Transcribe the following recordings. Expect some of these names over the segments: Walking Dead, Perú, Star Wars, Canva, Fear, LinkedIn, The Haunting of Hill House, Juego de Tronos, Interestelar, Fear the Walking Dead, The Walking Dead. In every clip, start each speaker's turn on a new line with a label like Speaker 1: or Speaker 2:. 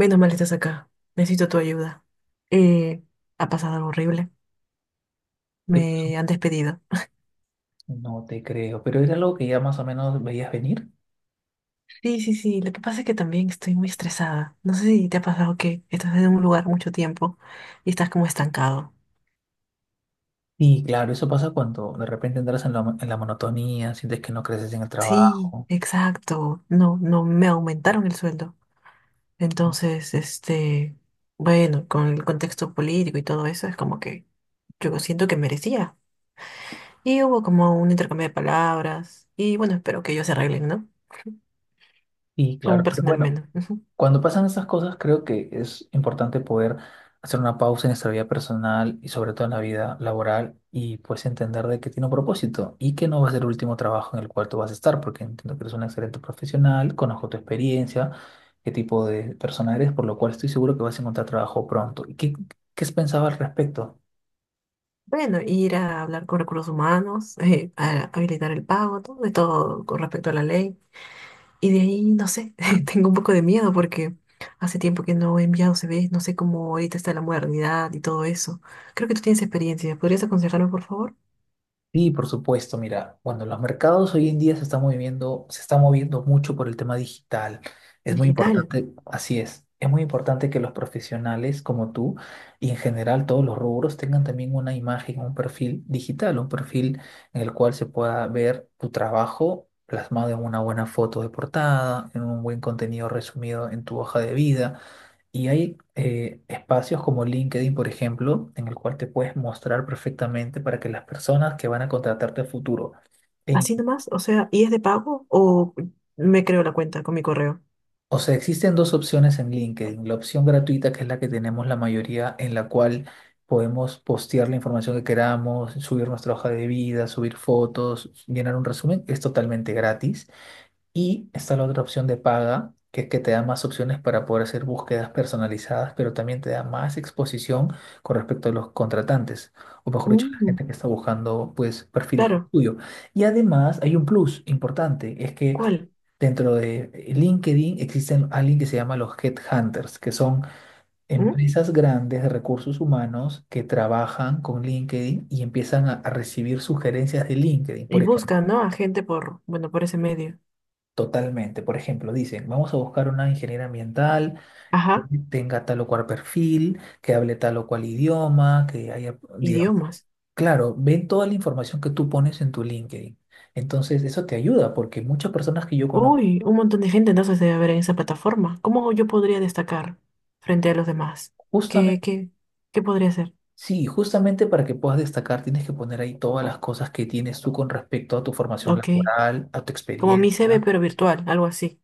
Speaker 1: Menos mal estás acá. Necesito tu ayuda. Eh, Ha pasado algo horrible.
Speaker 2: Y
Speaker 1: Me han despedido.
Speaker 2: no te creo, pero era algo que ya más o menos veías venir.
Speaker 1: Sí, sí, sí. Lo que pasa es que también estoy muy estresada. No sé si te ha pasado que estás en un lugar mucho tiempo y estás como estancado.
Speaker 2: Y claro, eso pasa cuando de repente entras en la monotonía, sientes que no creces en el
Speaker 1: Sí,
Speaker 2: trabajo.
Speaker 1: exacto. No, no me aumentaron el sueldo. Entonces, bueno, con el contexto político y todo eso, es como que yo siento que merecía. Y hubo como un intercambio de palabras. Y bueno, espero que ellos se arreglen, ¿no?
Speaker 2: Y
Speaker 1: Con un
Speaker 2: claro, pero
Speaker 1: personal
Speaker 2: bueno,
Speaker 1: menos.
Speaker 2: cuando pasan esas cosas, creo que es importante poder hacer una pausa en nuestra vida personal y sobre todo en la vida laboral, y pues entender de que tiene un propósito y que no va a ser el último trabajo en el cual tú vas a estar, porque entiendo que eres un excelente profesional, conozco tu experiencia, qué tipo de persona eres, por lo cual estoy seguro que vas a encontrar trabajo pronto. ¿Y qué has pensado al respecto?
Speaker 1: Bueno, ir a hablar con recursos humanos, a habilitar el pago, todo de todo con respecto a la ley. Y de ahí, no sé, tengo un poco de miedo porque hace tiempo que no he enviado CVs, no sé cómo ahorita está la modernidad y todo eso. Creo que tú tienes experiencia. ¿Podrías aconsejarme, por favor?
Speaker 2: Sí, por supuesto. Mira, bueno, los mercados hoy en día se están moviendo, se está moviendo mucho por el tema digital. Es muy
Speaker 1: Digital.
Speaker 2: importante, así es. Es muy importante que los profesionales como tú y en general todos los rubros tengan también una imagen, un perfil digital, un perfil en el cual se pueda ver tu trabajo plasmado en una buena foto de portada, en un buen contenido resumido en tu hoja de vida. Y hay espacios como LinkedIn, por ejemplo, en el cual te puedes mostrar perfectamente para que las personas que van a contratarte a futuro. en-
Speaker 1: Así nomás, o sea, ¿y es de pago o me creo la cuenta con mi correo?
Speaker 2: o sea, existen dos opciones en LinkedIn. La opción gratuita, que es la que tenemos la mayoría, en la cual podemos postear la información que queramos, subir nuestra hoja de vida, subir fotos, llenar un resumen, es totalmente gratis. Y está la otra opción de paga, que es que te da más opciones para poder hacer búsquedas personalizadas, pero también te da más exposición con respecto a los contratantes, o mejor dicho, la
Speaker 1: Mm,
Speaker 2: gente que está buscando pues perfiles como el
Speaker 1: claro,
Speaker 2: tuyo. Y además hay un plus importante, es que
Speaker 1: ¿cuál?
Speaker 2: dentro de LinkedIn existen alguien que se llama los headhunters, que son
Speaker 1: Mm.
Speaker 2: empresas grandes de recursos humanos que trabajan con LinkedIn y empiezan a recibir sugerencias de LinkedIn.
Speaker 1: Y
Speaker 2: Por ejemplo,
Speaker 1: busca, ¿no? A gente por, bueno, por ese medio.
Speaker 2: totalmente. Por ejemplo, dicen, vamos a buscar una ingeniera ambiental que
Speaker 1: Ajá,
Speaker 2: tenga tal o cual perfil, que hable tal o cual idioma, que haya, digamos,
Speaker 1: idiomas.
Speaker 2: claro, ven toda la información que tú pones en tu LinkedIn. Entonces, eso te ayuda porque muchas personas que yo conozco,
Speaker 1: Uy, un montón de gente entonces debe haber en esa plataforma. ¿Cómo yo podría destacar frente a los demás? ¿Qué,
Speaker 2: justamente,
Speaker 1: qué, qué podría ser?
Speaker 2: sí, justamente para que puedas destacar, tienes que poner ahí todas las cosas que tienes tú con respecto a tu formación
Speaker 1: Ok,
Speaker 2: laboral, a tu
Speaker 1: como mi CV
Speaker 2: experiencia.
Speaker 1: pero virtual, algo así.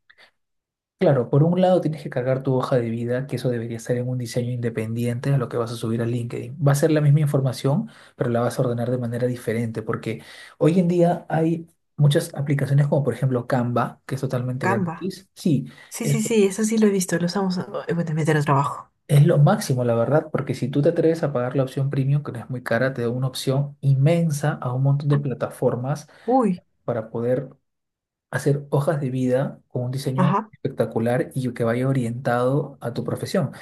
Speaker 2: Claro, por un lado tienes que cargar tu hoja de vida, que eso debería estar en un diseño independiente a lo que vas a subir a LinkedIn. Va a ser la misma información, pero la vas a ordenar de manera diferente, porque hoy en día hay muchas aplicaciones como por ejemplo Canva, que es totalmente
Speaker 1: Canva.
Speaker 2: gratis. Sí,
Speaker 1: Sí,
Speaker 2: es,
Speaker 1: sí, sí, eso sí lo he visto, lo usamos bueno, en meter el trabajo.
Speaker 2: es lo máximo, la verdad, porque si tú te atreves a pagar la opción premium, que no es muy cara, te da una opción inmensa a un montón de plataformas
Speaker 1: Uy,
Speaker 2: para poder hacer hojas de vida con un diseño
Speaker 1: ajá,
Speaker 2: espectacular y que vaya orientado a tu profesión.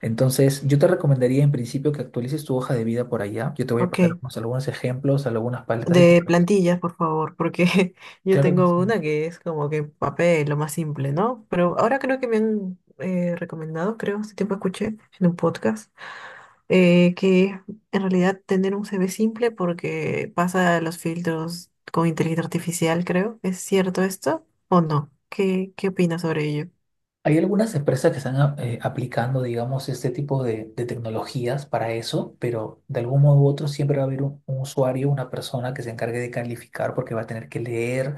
Speaker 2: Entonces, yo te recomendaría en principio que actualices tu hoja de vida por allá. Yo te voy a pasar
Speaker 1: ok.
Speaker 2: algunos ejemplos, algunas paletas de...
Speaker 1: De plantillas, por favor, porque yo
Speaker 2: Claro que
Speaker 1: tengo
Speaker 2: sí.
Speaker 1: una que es como que papel, lo más simple, ¿no? Pero ahora creo que me han recomendado, creo, hace tiempo escuché en un podcast que en realidad tener un CV simple porque pasa los filtros con inteligencia artificial, creo. ¿Es cierto esto o no? ¿Qué opinas sobre ello?
Speaker 2: Hay algunas empresas que están aplicando, digamos, este tipo de tecnologías para eso, pero de algún modo u otro siempre va a haber un usuario, una persona que se encargue de calificar porque va a tener que leer,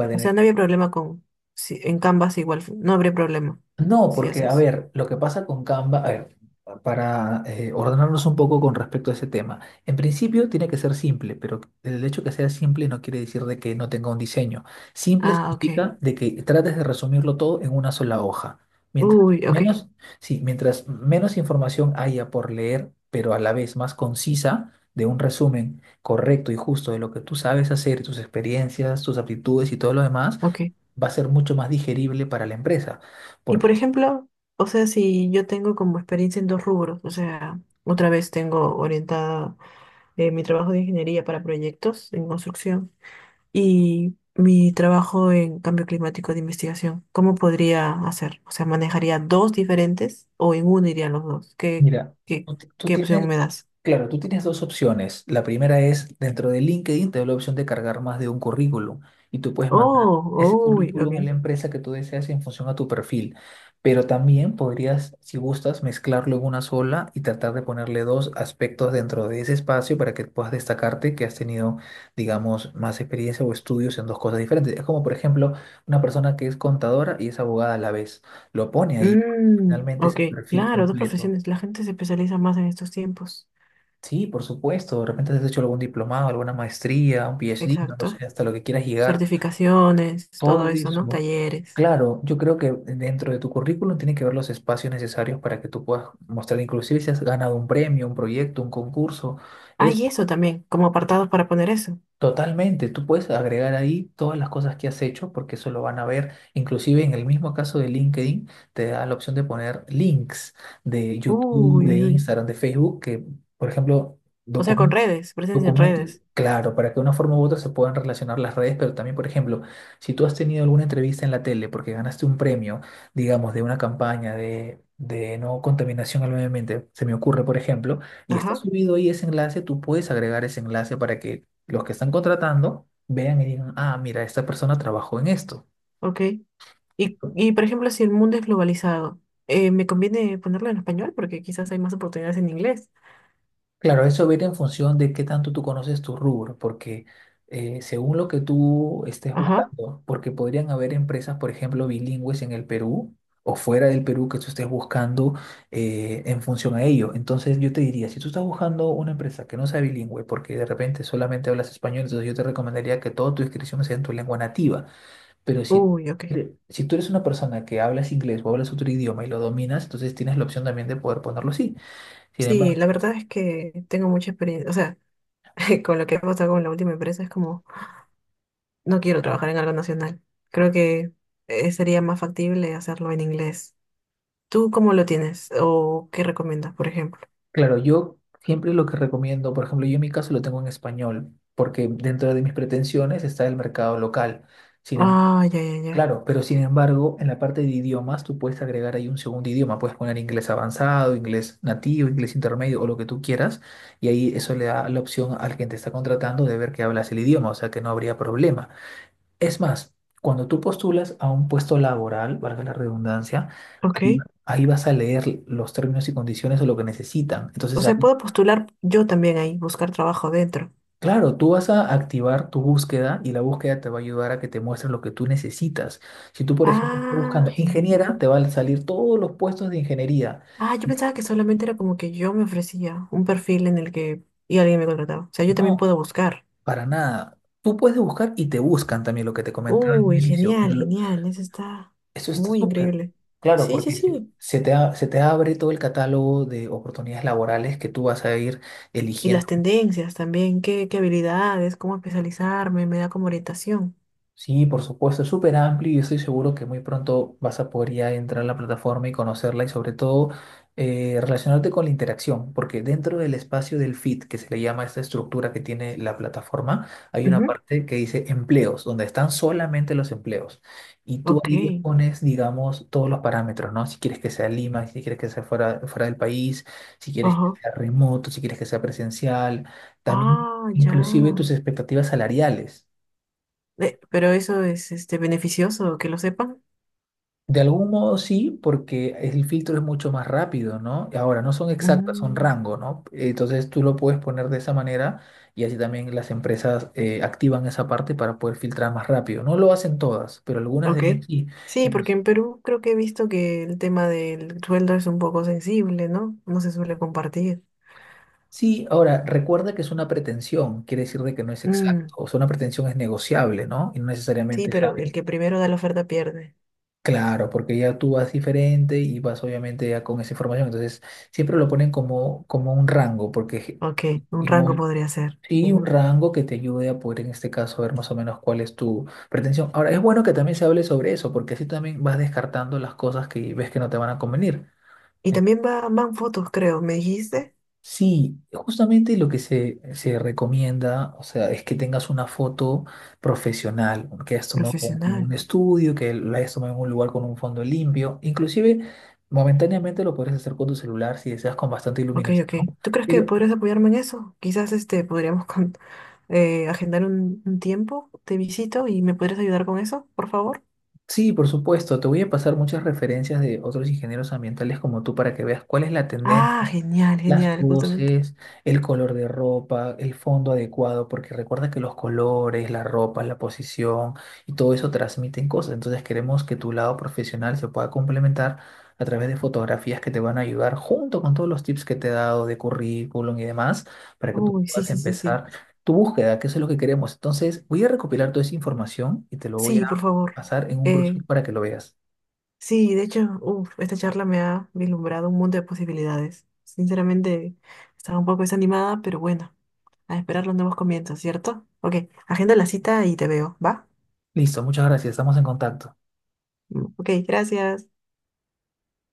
Speaker 2: va a
Speaker 1: O
Speaker 2: tener
Speaker 1: sea, no
Speaker 2: que
Speaker 1: había problema con... Si, en Canvas igual, no habría problema
Speaker 2: no,
Speaker 1: si
Speaker 2: porque, a
Speaker 1: haces.
Speaker 2: ver, lo que pasa con Canva, a ver, para ordenarnos un poco con respecto a ese tema, en principio tiene que ser simple, pero el hecho que sea simple no quiere decir de que no tenga un diseño. Simple
Speaker 1: Ah, ok.
Speaker 2: significa de que trates de resumirlo todo en una sola hoja. Mientras
Speaker 1: Uy, ok,
Speaker 2: menos, sí, mientras menos información haya por leer, pero a la vez más concisa, de un resumen correcto y justo de lo que tú sabes hacer, tus experiencias, tus aptitudes y todo lo demás,
Speaker 1: ok.
Speaker 2: va a ser mucho más digerible para la empresa,
Speaker 1: Y por
Speaker 2: porque
Speaker 1: ejemplo, o sea, si yo tengo como experiencia en dos rubros, o sea, otra vez tengo orientada mi trabajo de ingeniería para proyectos en construcción y mi trabajo en cambio climático de investigación. ¿Cómo podría hacer? O sea, ¿manejaría dos diferentes o en uno irían los dos?
Speaker 2: mira,
Speaker 1: Qué,
Speaker 2: tú ti- tú
Speaker 1: qué opción
Speaker 2: tienes,
Speaker 1: me das?
Speaker 2: claro, tú tienes dos opciones. La primera es, dentro de LinkedIn te da la opción de cargar más de un currículum y tú puedes mandar
Speaker 1: Oh,
Speaker 2: ese
Speaker 1: uy, ok.
Speaker 2: currículum a la empresa que tú deseas en función a tu perfil. Pero también podrías, si gustas, mezclarlo en una sola y tratar de ponerle dos aspectos dentro de ese espacio para que puedas destacarte que has tenido, digamos, más experiencia o estudios en dos cosas diferentes. Es como, por ejemplo, una persona que es contadora y es abogada a la vez. Lo pone ahí, porque
Speaker 1: Mm,
Speaker 2: finalmente es
Speaker 1: ok,
Speaker 2: el perfil
Speaker 1: claro, dos
Speaker 2: completo.
Speaker 1: profesiones. La gente se especializa más en estos tiempos.
Speaker 2: Sí, por supuesto. De repente has hecho algún diplomado, alguna maestría, un PhD, no lo
Speaker 1: Exacto.
Speaker 2: sé, hasta lo que quieras llegar.
Speaker 1: Certificaciones, todo
Speaker 2: Todo
Speaker 1: eso,
Speaker 2: eso,
Speaker 1: ¿no?
Speaker 2: ¿no?
Speaker 1: Talleres.
Speaker 2: Claro, yo creo que dentro de tu currículum tiene que haber los espacios necesarios para que tú puedas mostrar, inclusive si has ganado un premio, un proyecto, un concurso. Es
Speaker 1: Hay eso también, como apartados para poner eso.
Speaker 2: totalmente, tú puedes agregar ahí todas las cosas que has hecho porque eso lo van a ver. Inclusive en el mismo caso de LinkedIn, te da la opción de poner links de
Speaker 1: Uy,
Speaker 2: YouTube, de
Speaker 1: uy, uy.
Speaker 2: Instagram, de Facebook, que, por ejemplo,
Speaker 1: O sea, con
Speaker 2: documentos.
Speaker 1: redes, presencia en
Speaker 2: Documentos,
Speaker 1: redes.
Speaker 2: claro, para que de una forma u otra se puedan relacionar las redes, pero también, por ejemplo, si tú has tenido alguna entrevista en la tele porque ganaste un premio, digamos, de una campaña de no contaminación al medio ambiente, se me ocurre, por ejemplo, y está
Speaker 1: Ajá,
Speaker 2: subido ahí ese enlace, tú puedes agregar ese enlace para que los que están contratando vean y digan, ah, mira, esta persona trabajó en esto.
Speaker 1: ok. Y por ejemplo, si el mundo es globalizado, ¿me conviene ponerlo en español? Porque quizás hay más oportunidades en inglés.
Speaker 2: Claro, eso viene en función de qué tanto tú conoces tu rubro, porque según lo que tú estés
Speaker 1: Ajá.
Speaker 2: buscando, porque podrían haber empresas, por ejemplo, bilingües en el Perú o fuera del Perú que tú estés buscando en función a ello. Entonces yo te diría, si tú estás buscando una empresa que no sea bilingüe, porque de repente solamente hablas español, entonces yo te recomendaría que toda tu inscripción sea en tu lengua nativa. Pero si,
Speaker 1: Uy, ok.
Speaker 2: si tú eres una persona que hablas inglés o hablas otro idioma y lo dominas, entonces tienes la opción también de poder ponerlo así. Sin
Speaker 1: Sí,
Speaker 2: embargo,
Speaker 1: la verdad es que tengo mucha experiencia. O sea, con lo que ha pasado con la última empresa es como, no quiero trabajar en algo nacional. Creo que sería más factible hacerlo en inglés. ¿Tú cómo lo tienes? ¿O qué recomiendas, por ejemplo?
Speaker 2: claro, yo siempre lo que recomiendo, por ejemplo, yo en mi caso lo tengo en español, porque dentro de mis pretensiones está el mercado local. Sin embargo,
Speaker 1: Ah, ya, ya, ya.
Speaker 2: claro, pero sin embargo, en la parte de idiomas tú puedes agregar ahí un segundo idioma, puedes poner inglés avanzado, inglés nativo, inglés intermedio o lo que tú quieras, y ahí eso le da la opción al que te está contratando de ver que hablas el idioma, o sea que no habría problema. Es más, cuando tú postulas a un puesto laboral, valga la redundancia,
Speaker 1: Ok.
Speaker 2: ahí ahí vas a leer los términos y condiciones o lo que necesitan.
Speaker 1: O
Speaker 2: Entonces
Speaker 1: sea,
Speaker 2: ahí
Speaker 1: puedo postular yo también ahí, buscar trabajo dentro.
Speaker 2: claro, tú vas a activar tu búsqueda y la búsqueda te va a ayudar a que te muestre lo que tú necesitas. Si tú, por ejemplo, estás
Speaker 1: Ah,
Speaker 2: buscando
Speaker 1: genial.
Speaker 2: ingeniera, te van a salir todos los puestos de ingeniería.
Speaker 1: Ah, yo pensaba que solamente era como que yo me ofrecía un perfil en el que y alguien me contrataba. O sea, yo también
Speaker 2: No,
Speaker 1: puedo buscar.
Speaker 2: para nada. Tú puedes buscar y te buscan también lo que te comentaba en un
Speaker 1: Uy,
Speaker 2: inicio,
Speaker 1: genial,
Speaker 2: pero
Speaker 1: genial. Eso está
Speaker 2: eso está
Speaker 1: muy
Speaker 2: súper.
Speaker 1: increíble.
Speaker 2: Claro,
Speaker 1: Sí, sí,
Speaker 2: porque
Speaker 1: sí.
Speaker 2: se te abre todo el catálogo de oportunidades laborales que tú vas a ir
Speaker 1: Y las
Speaker 2: eligiendo.
Speaker 1: tendencias también, qué habilidades, cómo especializarme, me da como orientación.
Speaker 2: Sí, por supuesto, es súper amplio y estoy seguro que muy pronto vas a poder ya entrar a la plataforma y conocerla y sobre todo relacionarte con la interacción, porque dentro del espacio del feed, que se le llama esta estructura que tiene la plataforma, hay una
Speaker 1: Ujú.
Speaker 2: parte que dice empleos, donde están solamente los empleos. Y tú
Speaker 1: Ok.
Speaker 2: ahí le pones, digamos, todos los parámetros, ¿no? Si quieres que sea Lima, si quieres que sea fuera, fuera del país, si quieres que
Speaker 1: Ajá.
Speaker 2: sea remoto, si quieres que sea presencial, también
Speaker 1: Ah, ya.
Speaker 2: inclusive tus expectativas salariales.
Speaker 1: Pero eso es este beneficioso que lo sepan.
Speaker 2: De algún modo sí, porque el filtro es mucho más rápido, ¿no? Y ahora, no son exactas, son
Speaker 1: Mm.
Speaker 2: rango, ¿no? Entonces tú lo puedes poner de esa manera y así también las empresas activan esa parte para poder filtrar más rápido. No lo hacen todas, pero algunas de
Speaker 1: Ok.
Speaker 2: ellas sí.
Speaker 1: Sí, porque
Speaker 2: Inclusi-
Speaker 1: en Perú creo que he visto que el tema del sueldo es un poco sensible, ¿no? No se suele compartir.
Speaker 2: Sí, ahora, recuerda que es una pretensión, quiere decir de que no es exacto.
Speaker 1: Mm,
Speaker 2: O sea, una pretensión es negociable, ¿no? Y no
Speaker 1: sí,
Speaker 2: necesariamente es
Speaker 1: pero el
Speaker 2: hábil.
Speaker 1: que primero da la oferta pierde.
Speaker 2: Claro, porque ya tú vas diferente y vas obviamente ya con esa información. Entonces, siempre lo ponen como, como un rango, porque...
Speaker 1: Ok, un
Speaker 2: Y mo-
Speaker 1: rango podría ser.
Speaker 2: Sí, un
Speaker 1: Ujú.
Speaker 2: rango que te ayude a poder en este caso ver más o menos cuál es tu pretensión. Ahora, es bueno que también se hable sobre eso, porque así también vas descartando las cosas que ves que no te van a convenir.
Speaker 1: Y
Speaker 2: En-
Speaker 1: también va, van fotos, creo. ¿Me dijiste?
Speaker 2: Sí, justamente lo que se recomienda, o sea, es que tengas una foto profesional, que hayas tomado en un
Speaker 1: Profesional.
Speaker 2: estudio, que la hayas tomado en un lugar con un fondo limpio. Inclusive, momentáneamente lo puedes hacer con tu celular si deseas con bastante
Speaker 1: Ok, ok.
Speaker 2: iluminación.
Speaker 1: ¿Tú crees que podrías apoyarme en eso? Quizás este podríamos con- agendar un tiempo, te visito y me podrías ayudar con eso, por favor.
Speaker 2: Sí, por supuesto. Te voy a pasar muchas referencias de otros ingenieros ambientales como tú para que veas cuál es la
Speaker 1: Ah,
Speaker 2: tendencia,
Speaker 1: genial,
Speaker 2: las
Speaker 1: genial, justamente.
Speaker 2: poses, el color de ropa, el fondo adecuado, porque recuerda que los colores, la ropa, la posición y todo eso transmiten cosas. Entonces queremos que tu lado profesional se pueda complementar a través de fotografías que te van a ayudar junto con todos los tips que te he dado de currículum y demás para que tú
Speaker 1: Uy, sí,
Speaker 2: puedas
Speaker 1: sí, sí, sí.
Speaker 2: empezar tu búsqueda, que eso es lo que queremos. Entonces, voy a recopilar toda esa información y te lo voy
Speaker 1: Sí,
Speaker 2: a
Speaker 1: por favor.
Speaker 2: pasar en un brochure
Speaker 1: Eh,
Speaker 2: para que lo veas.
Speaker 1: Sí, de hecho, uf, esta charla me ha vislumbrado un mundo de posibilidades. Sinceramente, estaba un poco desanimada, pero bueno, a esperar los nuevos comienzos, ¿cierto? Ok, agenda la cita y te veo, ¿va?
Speaker 2: Listo, muchas gracias, estamos en contacto.
Speaker 1: Mm. Ok, gracias.